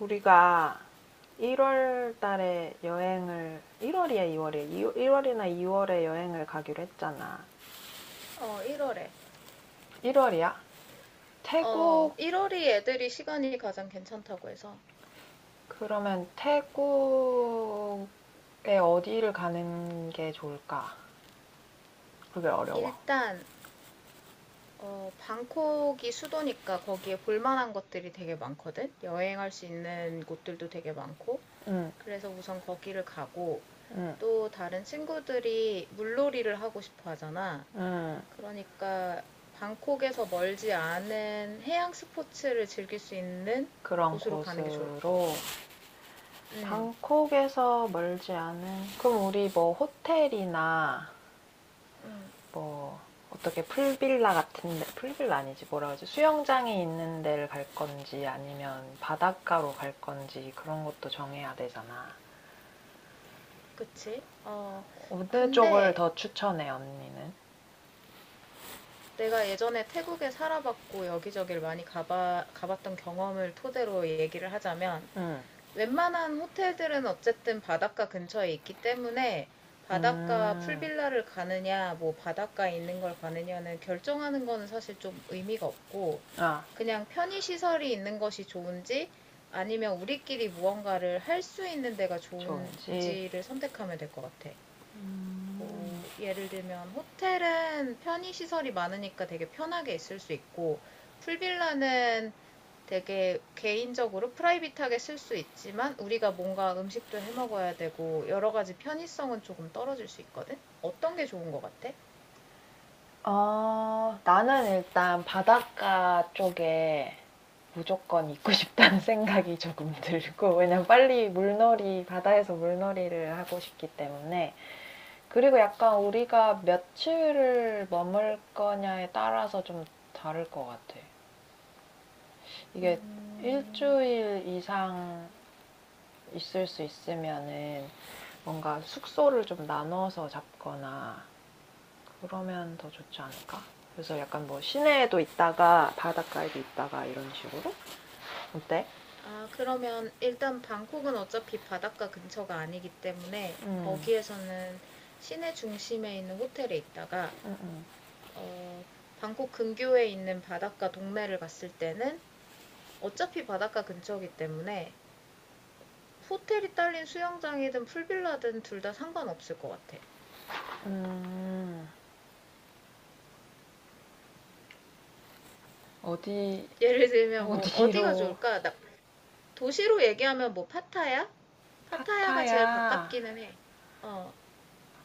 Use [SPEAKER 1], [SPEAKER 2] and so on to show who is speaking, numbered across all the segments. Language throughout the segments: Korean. [SPEAKER 1] 우리가 1월 달에 여행을, 1월이야 2월이야, 1월이나 2월에 여행을 가기로 했잖아.
[SPEAKER 2] 1월에.
[SPEAKER 1] 1월이야? 태국.
[SPEAKER 2] 1월이 애들이 시간이 가장 괜찮다고 해서
[SPEAKER 1] 그러면 태국에 어디를 가는 게 좋을까? 그게 어려워.
[SPEAKER 2] 일단 방콕이 수도니까 거기에 볼만한 것들이 되게 많거든. 여행할 수 있는 곳들도 되게 많고.
[SPEAKER 1] 응응응.
[SPEAKER 2] 그래서 우선 거기를 가고 또 다른 친구들이 물놀이를 하고 싶어 하잖아. 그러니까 방콕에서 멀지 않은 해양 스포츠를 즐길 수 있는
[SPEAKER 1] 그런
[SPEAKER 2] 곳으로 가는 게 좋을 것
[SPEAKER 1] 곳으로.
[SPEAKER 2] 같아. 응,
[SPEAKER 1] 방콕에서 멀지 않은 그럼 우리 뭐 호텔이나
[SPEAKER 2] 응,
[SPEAKER 1] 뭐 어떻게 풀빌라 같은데, 풀빌라 아니지, 뭐라 그러지, 수영장이 있는 데를 갈 건지 아니면 바닷가로 갈 건지 그런 것도 정해야 되잖아.
[SPEAKER 2] 그치?
[SPEAKER 1] 어느 쪽을
[SPEAKER 2] 근데
[SPEAKER 1] 더 추천해, 언니는?
[SPEAKER 2] 내가 예전에 태국에 살아봤고 여기저기를 많이 가봤던 경험을 토대로 얘기를 하자면
[SPEAKER 1] 응.
[SPEAKER 2] 웬만한 호텔들은 어쨌든 바닷가 근처에 있기 때문에 바닷가
[SPEAKER 1] 음.
[SPEAKER 2] 풀빌라를 가느냐, 뭐 바닷가에 있는 걸 가느냐는 결정하는 거는 사실 좀 의미가 없고
[SPEAKER 1] 아,
[SPEAKER 2] 그냥 편의시설이 있는 것이 좋은지 아니면 우리끼리 무언가를 할 수 있는 데가
[SPEAKER 1] 좋은지.
[SPEAKER 2] 좋은지를 선택하면 될 것 같아.
[SPEAKER 1] 음.
[SPEAKER 2] 뭐 예를 들면 호텔은 편의 시설이 많으니까 되게 편하게 있을 수 있고 풀빌라는 되게 개인적으로 프라이빗하게 쓸 수 있지만 우리가 뭔가 음식도 해 먹어야 되고 여러 가지 편의성은 조금 떨어질 수 있거든. 어떤 게 좋은 것 같아?
[SPEAKER 1] 어, 나는 일단 바닷가 쪽에 무조건 있고 싶다는 생각이 조금 들고, 왜냐면 빨리 물놀이, 바다에서 물놀이를 하고 싶기 때문에. 그리고 약간 우리가 며칠을 머물 거냐에 따라서 좀 다를 것 같아. 이게
[SPEAKER 2] 음,
[SPEAKER 1] 일주일 이상 있을 수 있으면은 뭔가 숙소를 좀 나눠서 잡거나 그러면 더 좋지 않을까? 그래서 약간 뭐 시내에도 있다가 바닷가에도 있다가 이런 식으로, 어때?
[SPEAKER 2] 아, 그러면 일단 방콕은 어차피 바닷가 근처가 아니기 때문에
[SPEAKER 1] 음,
[SPEAKER 2] 거기에서는 시내 중심에 있는 호텔에 있다가
[SPEAKER 1] 음, 음,
[SPEAKER 2] 어, 방콕 근교에 있는 바닷가 동네를 갔을 때는 어차피 바닷가 근처이기 때문에 호텔이 딸린 수영장이든 풀빌라든 둘 다 상관없을 것 같아.
[SPEAKER 1] 음. 어디,
[SPEAKER 2] 예를 들면 뭐 어디가
[SPEAKER 1] 어디로?
[SPEAKER 2] 좋을까? 도시로 얘기하면 뭐 파타야? 파타야가 제일
[SPEAKER 1] 파타야.
[SPEAKER 2] 가깝기는 해. 어,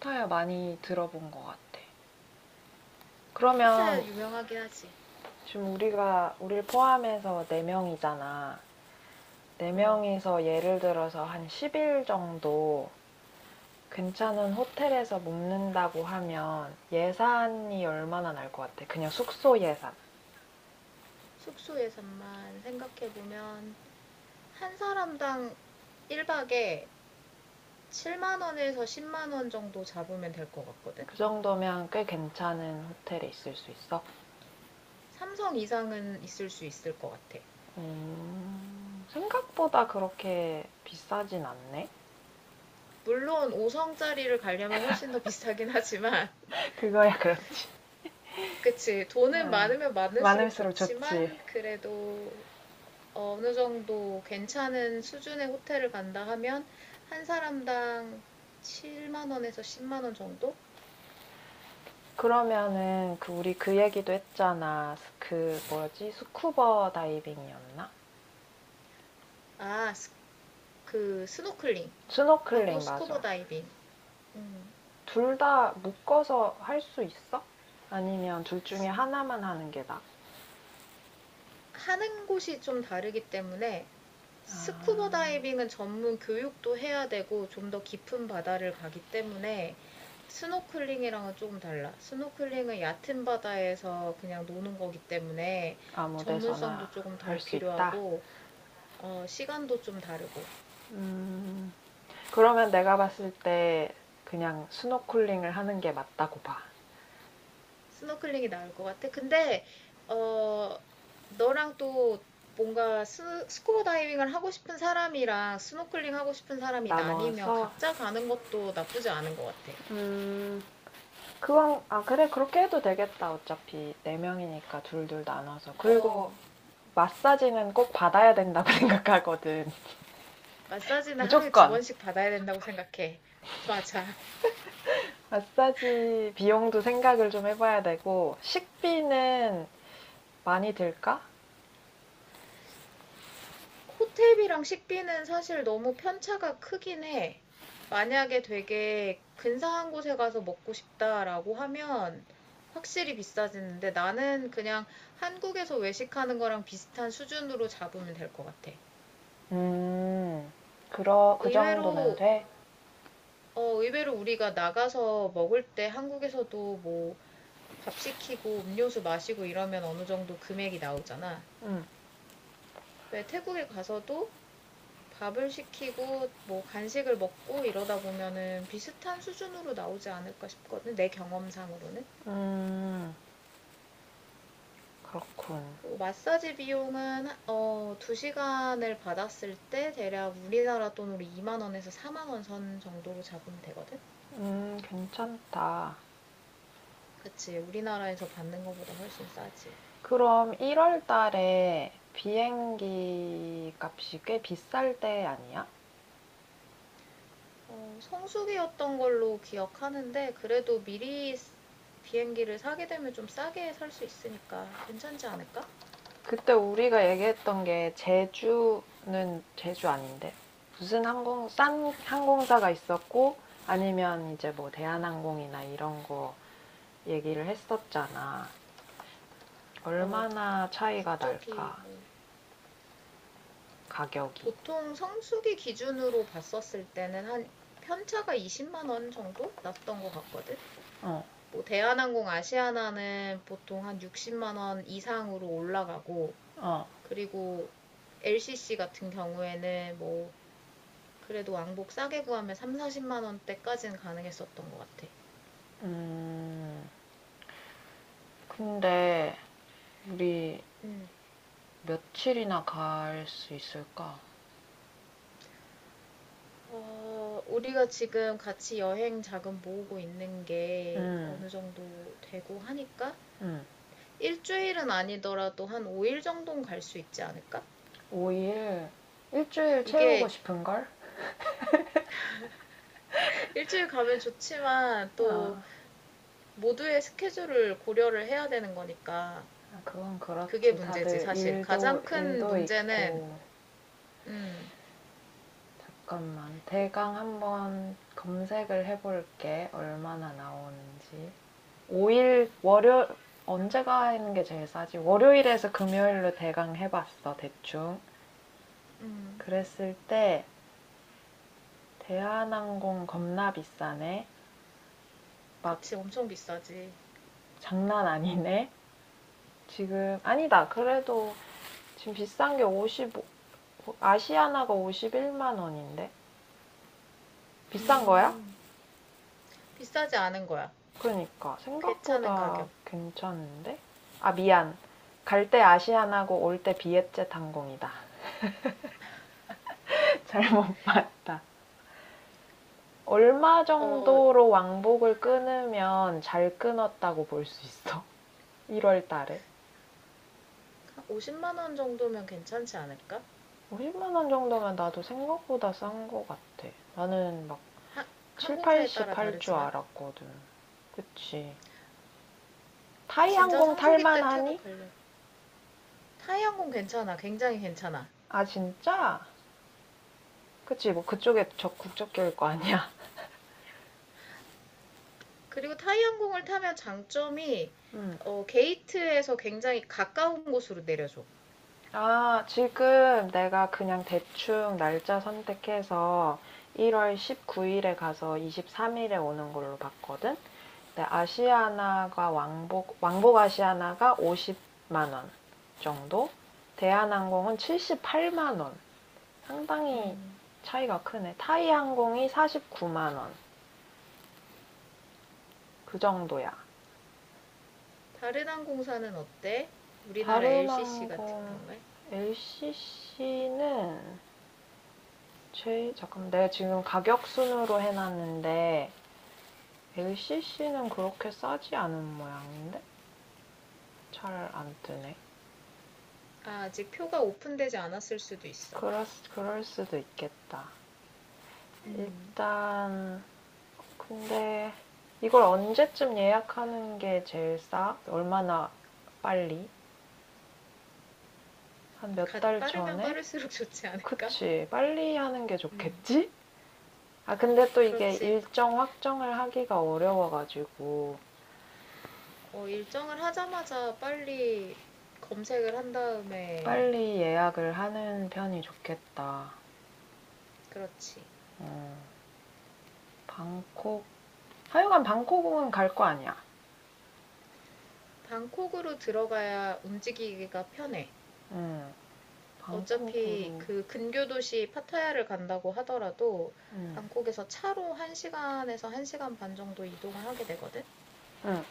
[SPEAKER 1] 파타야 많이 들어본 것 같아.
[SPEAKER 2] 파타야
[SPEAKER 1] 그러면
[SPEAKER 2] 유명하긴 하지.
[SPEAKER 1] 지금 우리가 우리를 포함해서 4명이잖아.
[SPEAKER 2] 어,
[SPEAKER 1] 4명이서 예를 들어서 한 10일 정도 괜찮은 호텔에서 묵는다고 하면 예산이 얼마나 날 것 같아? 그냥 숙소 예산.
[SPEAKER 2] 숙소 예산만 생각해보면 한 사람당 1박에 7만 원에서 10만 원 정도 잡으면 될 것 같거든.
[SPEAKER 1] 그 정도면 꽤 괜찮은 호텔에 있을 수 있어?
[SPEAKER 2] 삼성 이상은 있을 수 있을 것 같아.
[SPEAKER 1] 생각보다 그렇게 비싸진 않네?
[SPEAKER 2] 물론 오 성짜리를 가려면 훨씬 더 비싸긴 하지만
[SPEAKER 1] 그거야, 그렇지.
[SPEAKER 2] 그치. 돈은
[SPEAKER 1] 아,
[SPEAKER 2] 많으면 많을수록
[SPEAKER 1] 많을수록 좋지.
[SPEAKER 2] 좋지만 그래도 어느 정도 괜찮은 수준의 호텔을 간다 하면 한 사람당 7만 원에서 10만 원 정도?
[SPEAKER 1] 그러면은 그 우리 그 얘기도 했잖아. 그 뭐였지? 스쿠버 다이빙이었나?
[SPEAKER 2] 아, 그 스노클링 하고
[SPEAKER 1] 스노클링 맞아.
[SPEAKER 2] 스쿠버 다이빙. 음,
[SPEAKER 1] 둘 다 묶어서 할 수 있어? 아니면 둘 중에 하나만 하는 게 나?
[SPEAKER 2] 하는 곳이 좀 다르기 때문에
[SPEAKER 1] 아,
[SPEAKER 2] 스쿠버 다이빙은 전문 교육도 해야 되고 좀 더 깊은 바다를 가기 때문에 스노클링이랑은 조금 달라. 스노클링은 얕은 바다에서 그냥 노는 거기 때문에
[SPEAKER 1] 아무 데서나
[SPEAKER 2] 전문성도 조금
[SPEAKER 1] 할
[SPEAKER 2] 덜
[SPEAKER 1] 수 있다.
[SPEAKER 2] 필요하고 시간도 좀 다르고
[SPEAKER 1] 음, 그러면 내가 봤을 때 그냥 스노클링을 하는 게 맞다고 봐.
[SPEAKER 2] 스노클링이 나을 것 같아. 근데 어, 너랑 또 뭔가 스쿠버 다이빙을 하고 싶은 사람이랑 스노클링 하고 싶은 사람이 나뉘면
[SPEAKER 1] 나눠서.
[SPEAKER 2] 각자 가는 것도 나쁘지 않은 것 같아.
[SPEAKER 1] 음. 그건, 아 그래, 그렇게 해도 되겠다. 어차피 네 명이니까 둘 둘 나눠서. 그리고
[SPEAKER 2] 어,
[SPEAKER 1] 마사지는 꼭 받아야 된다고 생각하거든.
[SPEAKER 2] 마사지는 하루에 두
[SPEAKER 1] 무조건.
[SPEAKER 2] 번씩 받아야 된다고 생각해. 맞아.
[SPEAKER 1] 마사지 비용도 생각을 좀 해봐야 되고, 식비는 많이 들까?
[SPEAKER 2] 호텔비랑 식비는 사실 너무 편차가 크긴 해. 만약에 되게 근사한 곳에 가서 먹고 싶다라고 하면 확실히 비싸지는데 나는 그냥 한국에서 외식하는 거랑 비슷한 수준으로 잡으면 될 것 같아.
[SPEAKER 1] 음, 그
[SPEAKER 2] 의외로,
[SPEAKER 1] 정도면 돼?
[SPEAKER 2] 의외로 우리가 나가서 먹을 때 한국에서도 뭐 밥 시키고 음료수 마시고 이러면 어느 정도 금액이 나오잖아.
[SPEAKER 1] 음,
[SPEAKER 2] 왜 태국에 가서도 밥을 시키고 뭐 간식을 먹고 이러다 보면은 비슷한 수준으로 나오지 않을까 싶거든. 내 경험상으로는.
[SPEAKER 1] 음, 그렇군.
[SPEAKER 2] 그리고 마사지 비용은 2시간을 받았을 때 대략 우리나라 돈으로 2만 원에서 4만 원 선 정도로 잡으면 되거든.
[SPEAKER 1] 괜찮다.
[SPEAKER 2] 그치. 우리나라에서 받는 것보다 훨씬 싸지.
[SPEAKER 1] 그럼 1월 달에 비행기 값이 꽤 비쌀 때 아니야?
[SPEAKER 2] 성수기였던 걸로 기억하는데 그래도 미리 비행기를 사게 되면 좀 싸게 살 수 있으니까 괜찮지 않을까?
[SPEAKER 1] 그때 우리가 얘기했던 게 제주는, 제주 아닌데, 무슨 항공 싼 항공사가 있었고 아니면 이제 뭐 대한항공이나 이런 거 얘기를 했었잖아.
[SPEAKER 2] 어,
[SPEAKER 1] 얼마나 차이가
[SPEAKER 2] 국적이
[SPEAKER 1] 날까,
[SPEAKER 2] 뭐
[SPEAKER 1] 가격이.
[SPEAKER 2] 보통 성수기 기준으로 봤었을 때는 한 편차가 20만 원 정도 났던 것 같거든.
[SPEAKER 1] 어,
[SPEAKER 2] 뭐 대한항공 아시아나는 보통 한 60만 원 이상으로 올라가고,
[SPEAKER 1] 어,
[SPEAKER 2] 그리고 LCC 같은 경우에는 뭐 그래도 왕복 싸게 구하면 3, 40만 원대까지는 가능했었던 것 같아.
[SPEAKER 1] 음. 근데 우리
[SPEAKER 2] 음.
[SPEAKER 1] 며칠이나 갈 수 있을까?
[SPEAKER 2] 우리가 지금 같이 여행 자금 모으고 있는 게
[SPEAKER 1] 음,
[SPEAKER 2] 어느 정도 되고 하니까
[SPEAKER 1] 음.
[SPEAKER 2] 일주일은 아니더라도 한 5일 정도는 갈 수 있지 않을까?
[SPEAKER 1] 5일, 일주일 채우고
[SPEAKER 2] 이게
[SPEAKER 1] 싶은 걸?
[SPEAKER 2] 일주일 가면 좋지만 또
[SPEAKER 1] 아,
[SPEAKER 2] 모두의 스케줄을 고려를 해야 되는 거니까
[SPEAKER 1] 아, 그건
[SPEAKER 2] 그게
[SPEAKER 1] 그렇지.
[SPEAKER 2] 문제지.
[SPEAKER 1] 다들
[SPEAKER 2] 사실
[SPEAKER 1] 일도
[SPEAKER 2] 가장 큰
[SPEAKER 1] 일도
[SPEAKER 2] 문제는.
[SPEAKER 1] 있고.
[SPEAKER 2] 음
[SPEAKER 1] 잠깐만, 대강 한번 검색을 해볼게, 얼마나 나오는지. 5일, 월요 언제가 하는 게 제일 싸지? 월요일에서 금요일로 대강 해봤어, 대충. 그랬을 때 대한항공 겁나 비싸네. 막
[SPEAKER 2] 그치, 엄청 비싸지.
[SPEAKER 1] 장난 아니네. 지금 아니다. 그래도 지금 비싼 게 55. 아시아나가 51만 원인데 비싼 거야?
[SPEAKER 2] 음 비싸지 않은 거야.
[SPEAKER 1] 그러니까
[SPEAKER 2] 괜찮은
[SPEAKER 1] 생각보다
[SPEAKER 2] 가격.
[SPEAKER 1] 괜찮은데? 아 미안. 갈 때 아시안하고 올 때 비엣젯 항공이다. 잘못 봤다. 얼마
[SPEAKER 2] 어한
[SPEAKER 1] 정도로 왕복을 끊으면 잘 끊었다고 볼 수 있어? 1월 달에?
[SPEAKER 2] 50만 원 정도면 괜찮지 않을까?
[SPEAKER 1] 50만 원 정도면 나도 생각보다 싼 거 같아. 나는 막
[SPEAKER 2] 하,
[SPEAKER 1] 7,
[SPEAKER 2] 항공사에
[SPEAKER 1] 80
[SPEAKER 2] 따라
[SPEAKER 1] 할 줄
[SPEAKER 2] 다르지만
[SPEAKER 1] 알았거든. 그치. 타이
[SPEAKER 2] 진짜
[SPEAKER 1] 항공
[SPEAKER 2] 성수기 때 태국
[SPEAKER 1] 탈만하니?
[SPEAKER 2] 가려. 타이항공 괜찮아, 굉장히 괜찮아.
[SPEAKER 1] 아 진짜? 그치 뭐 그쪽에 적 국적계일 거 아니야.
[SPEAKER 2] 그리고 타이항공을 타면 장점이
[SPEAKER 1] 음.
[SPEAKER 2] 게이트에서 굉장히 가까운 곳으로 내려줘.
[SPEAKER 1] 아, 지금 내가 그냥 대충 날짜 선택해서 1월 19일에 가서 23일에 오는 걸로 봤거든. 근데 아시아나가 왕복 아시아나가 50만 원 정도. 대한항공은 78만 원. 상당히 차이가 크네. 타이항공이 49만 원. 그 정도야.
[SPEAKER 2] 다른 항공사는 어때? 우리나라
[SPEAKER 1] 다른
[SPEAKER 2] LCC 같은
[SPEAKER 1] 항공
[SPEAKER 2] 경우에?
[SPEAKER 1] LCC는 제 잠깐만, 내가 지금 가격 순으로 해놨는데 LCC는 그렇게 싸지 않은 모양인데 잘 안 뜨네.
[SPEAKER 2] 아, 아직 표가 오픈되지 않았을 수도 있어.
[SPEAKER 1] 그럴 수도 있겠다.
[SPEAKER 2] 음,
[SPEAKER 1] 일단 근데 이걸 언제쯤 예약하는 게 제일 싸? 얼마나 빨리? 한 몇 달
[SPEAKER 2] 빠르면
[SPEAKER 1] 전에?
[SPEAKER 2] 빠를수록 좋지 않을까?
[SPEAKER 1] 그치 빨리 하는 게
[SPEAKER 2] 음.
[SPEAKER 1] 좋겠지? 아 근데 또 이게
[SPEAKER 2] 그렇지.
[SPEAKER 1] 일정 확정을 하기가 어려워가지고
[SPEAKER 2] 일정을 하자마자 빨리 검색을 한 다음에.
[SPEAKER 1] 빨리 예약을 하는 편이 좋겠다.
[SPEAKER 2] 그렇지.
[SPEAKER 1] 음, 방콕, 하여간 방콕은 갈 거 아니야.
[SPEAKER 2] 방콕으로 들어가야 움직이기가 편해.
[SPEAKER 1] 응,
[SPEAKER 2] 어차피
[SPEAKER 1] 방콕으로.
[SPEAKER 2] 그 근교 도시 파타야를 간다고 하더라도
[SPEAKER 1] 응,
[SPEAKER 2] 방콕에서 차로 1시간에서 1시간 반 정도 이동을 하게 되거든.
[SPEAKER 1] 응.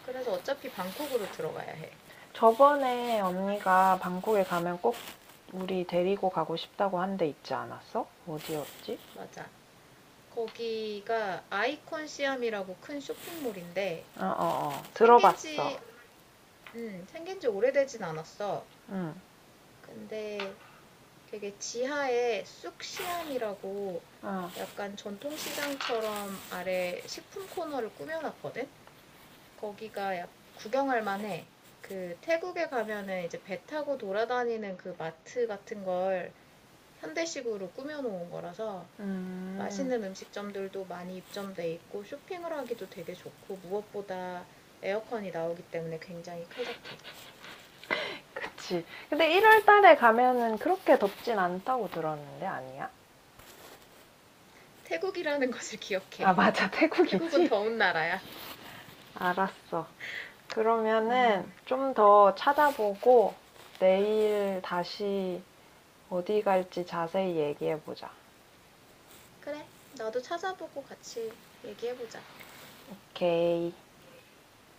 [SPEAKER 2] 그래서 어차피 방콕으로 들어가야 해.
[SPEAKER 1] 저번에 언니가 방콕에 가면 꼭 우리 데리고 가고 싶다고 한데 있지 않았어? 어디였지?
[SPEAKER 2] 맞아. 거기가 아이콘 시암이라고 큰 쇼핑몰인데
[SPEAKER 1] 어, 어, 어.
[SPEAKER 2] 생긴
[SPEAKER 1] 들어봤어.
[SPEAKER 2] 지 생긴 지 오래되진 않았어.
[SPEAKER 1] 응,
[SPEAKER 2] 근데 되게 지하에 쑥시암이라고
[SPEAKER 1] 어,
[SPEAKER 2] 약간 전통시장처럼 아래 식품 코너를 꾸며놨거든. 거기가 약 구경할 만해. 그 태국에 가면은 이제 배 타고 돌아다니는 그 마트 같은 걸 현대식으로 꾸며놓은 거라서
[SPEAKER 1] 음,
[SPEAKER 2] 맛있는 음식점들도 많이 입점돼 있고 쇼핑을 하기도 되게 좋고 무엇보다 에어컨이 나오기 때문에 굉장히 쾌적해.
[SPEAKER 1] 그치. 근데 1월 달에 가면은 그렇게 덥진 않다고 들었는데, 아니야?
[SPEAKER 2] 태국이라는 것을
[SPEAKER 1] 아,
[SPEAKER 2] 기억해.
[SPEAKER 1] 맞아.
[SPEAKER 2] 태국은
[SPEAKER 1] 태국이지?
[SPEAKER 2] 더운 나라야.
[SPEAKER 1] 알았어. 그러면은
[SPEAKER 2] 음,
[SPEAKER 1] 좀 더 찾아보고 내일 다시 어디 갈지 자세히 얘기해보자.
[SPEAKER 2] 그래. 나도 찾아보고 같이 얘기해보자.
[SPEAKER 1] 오케이.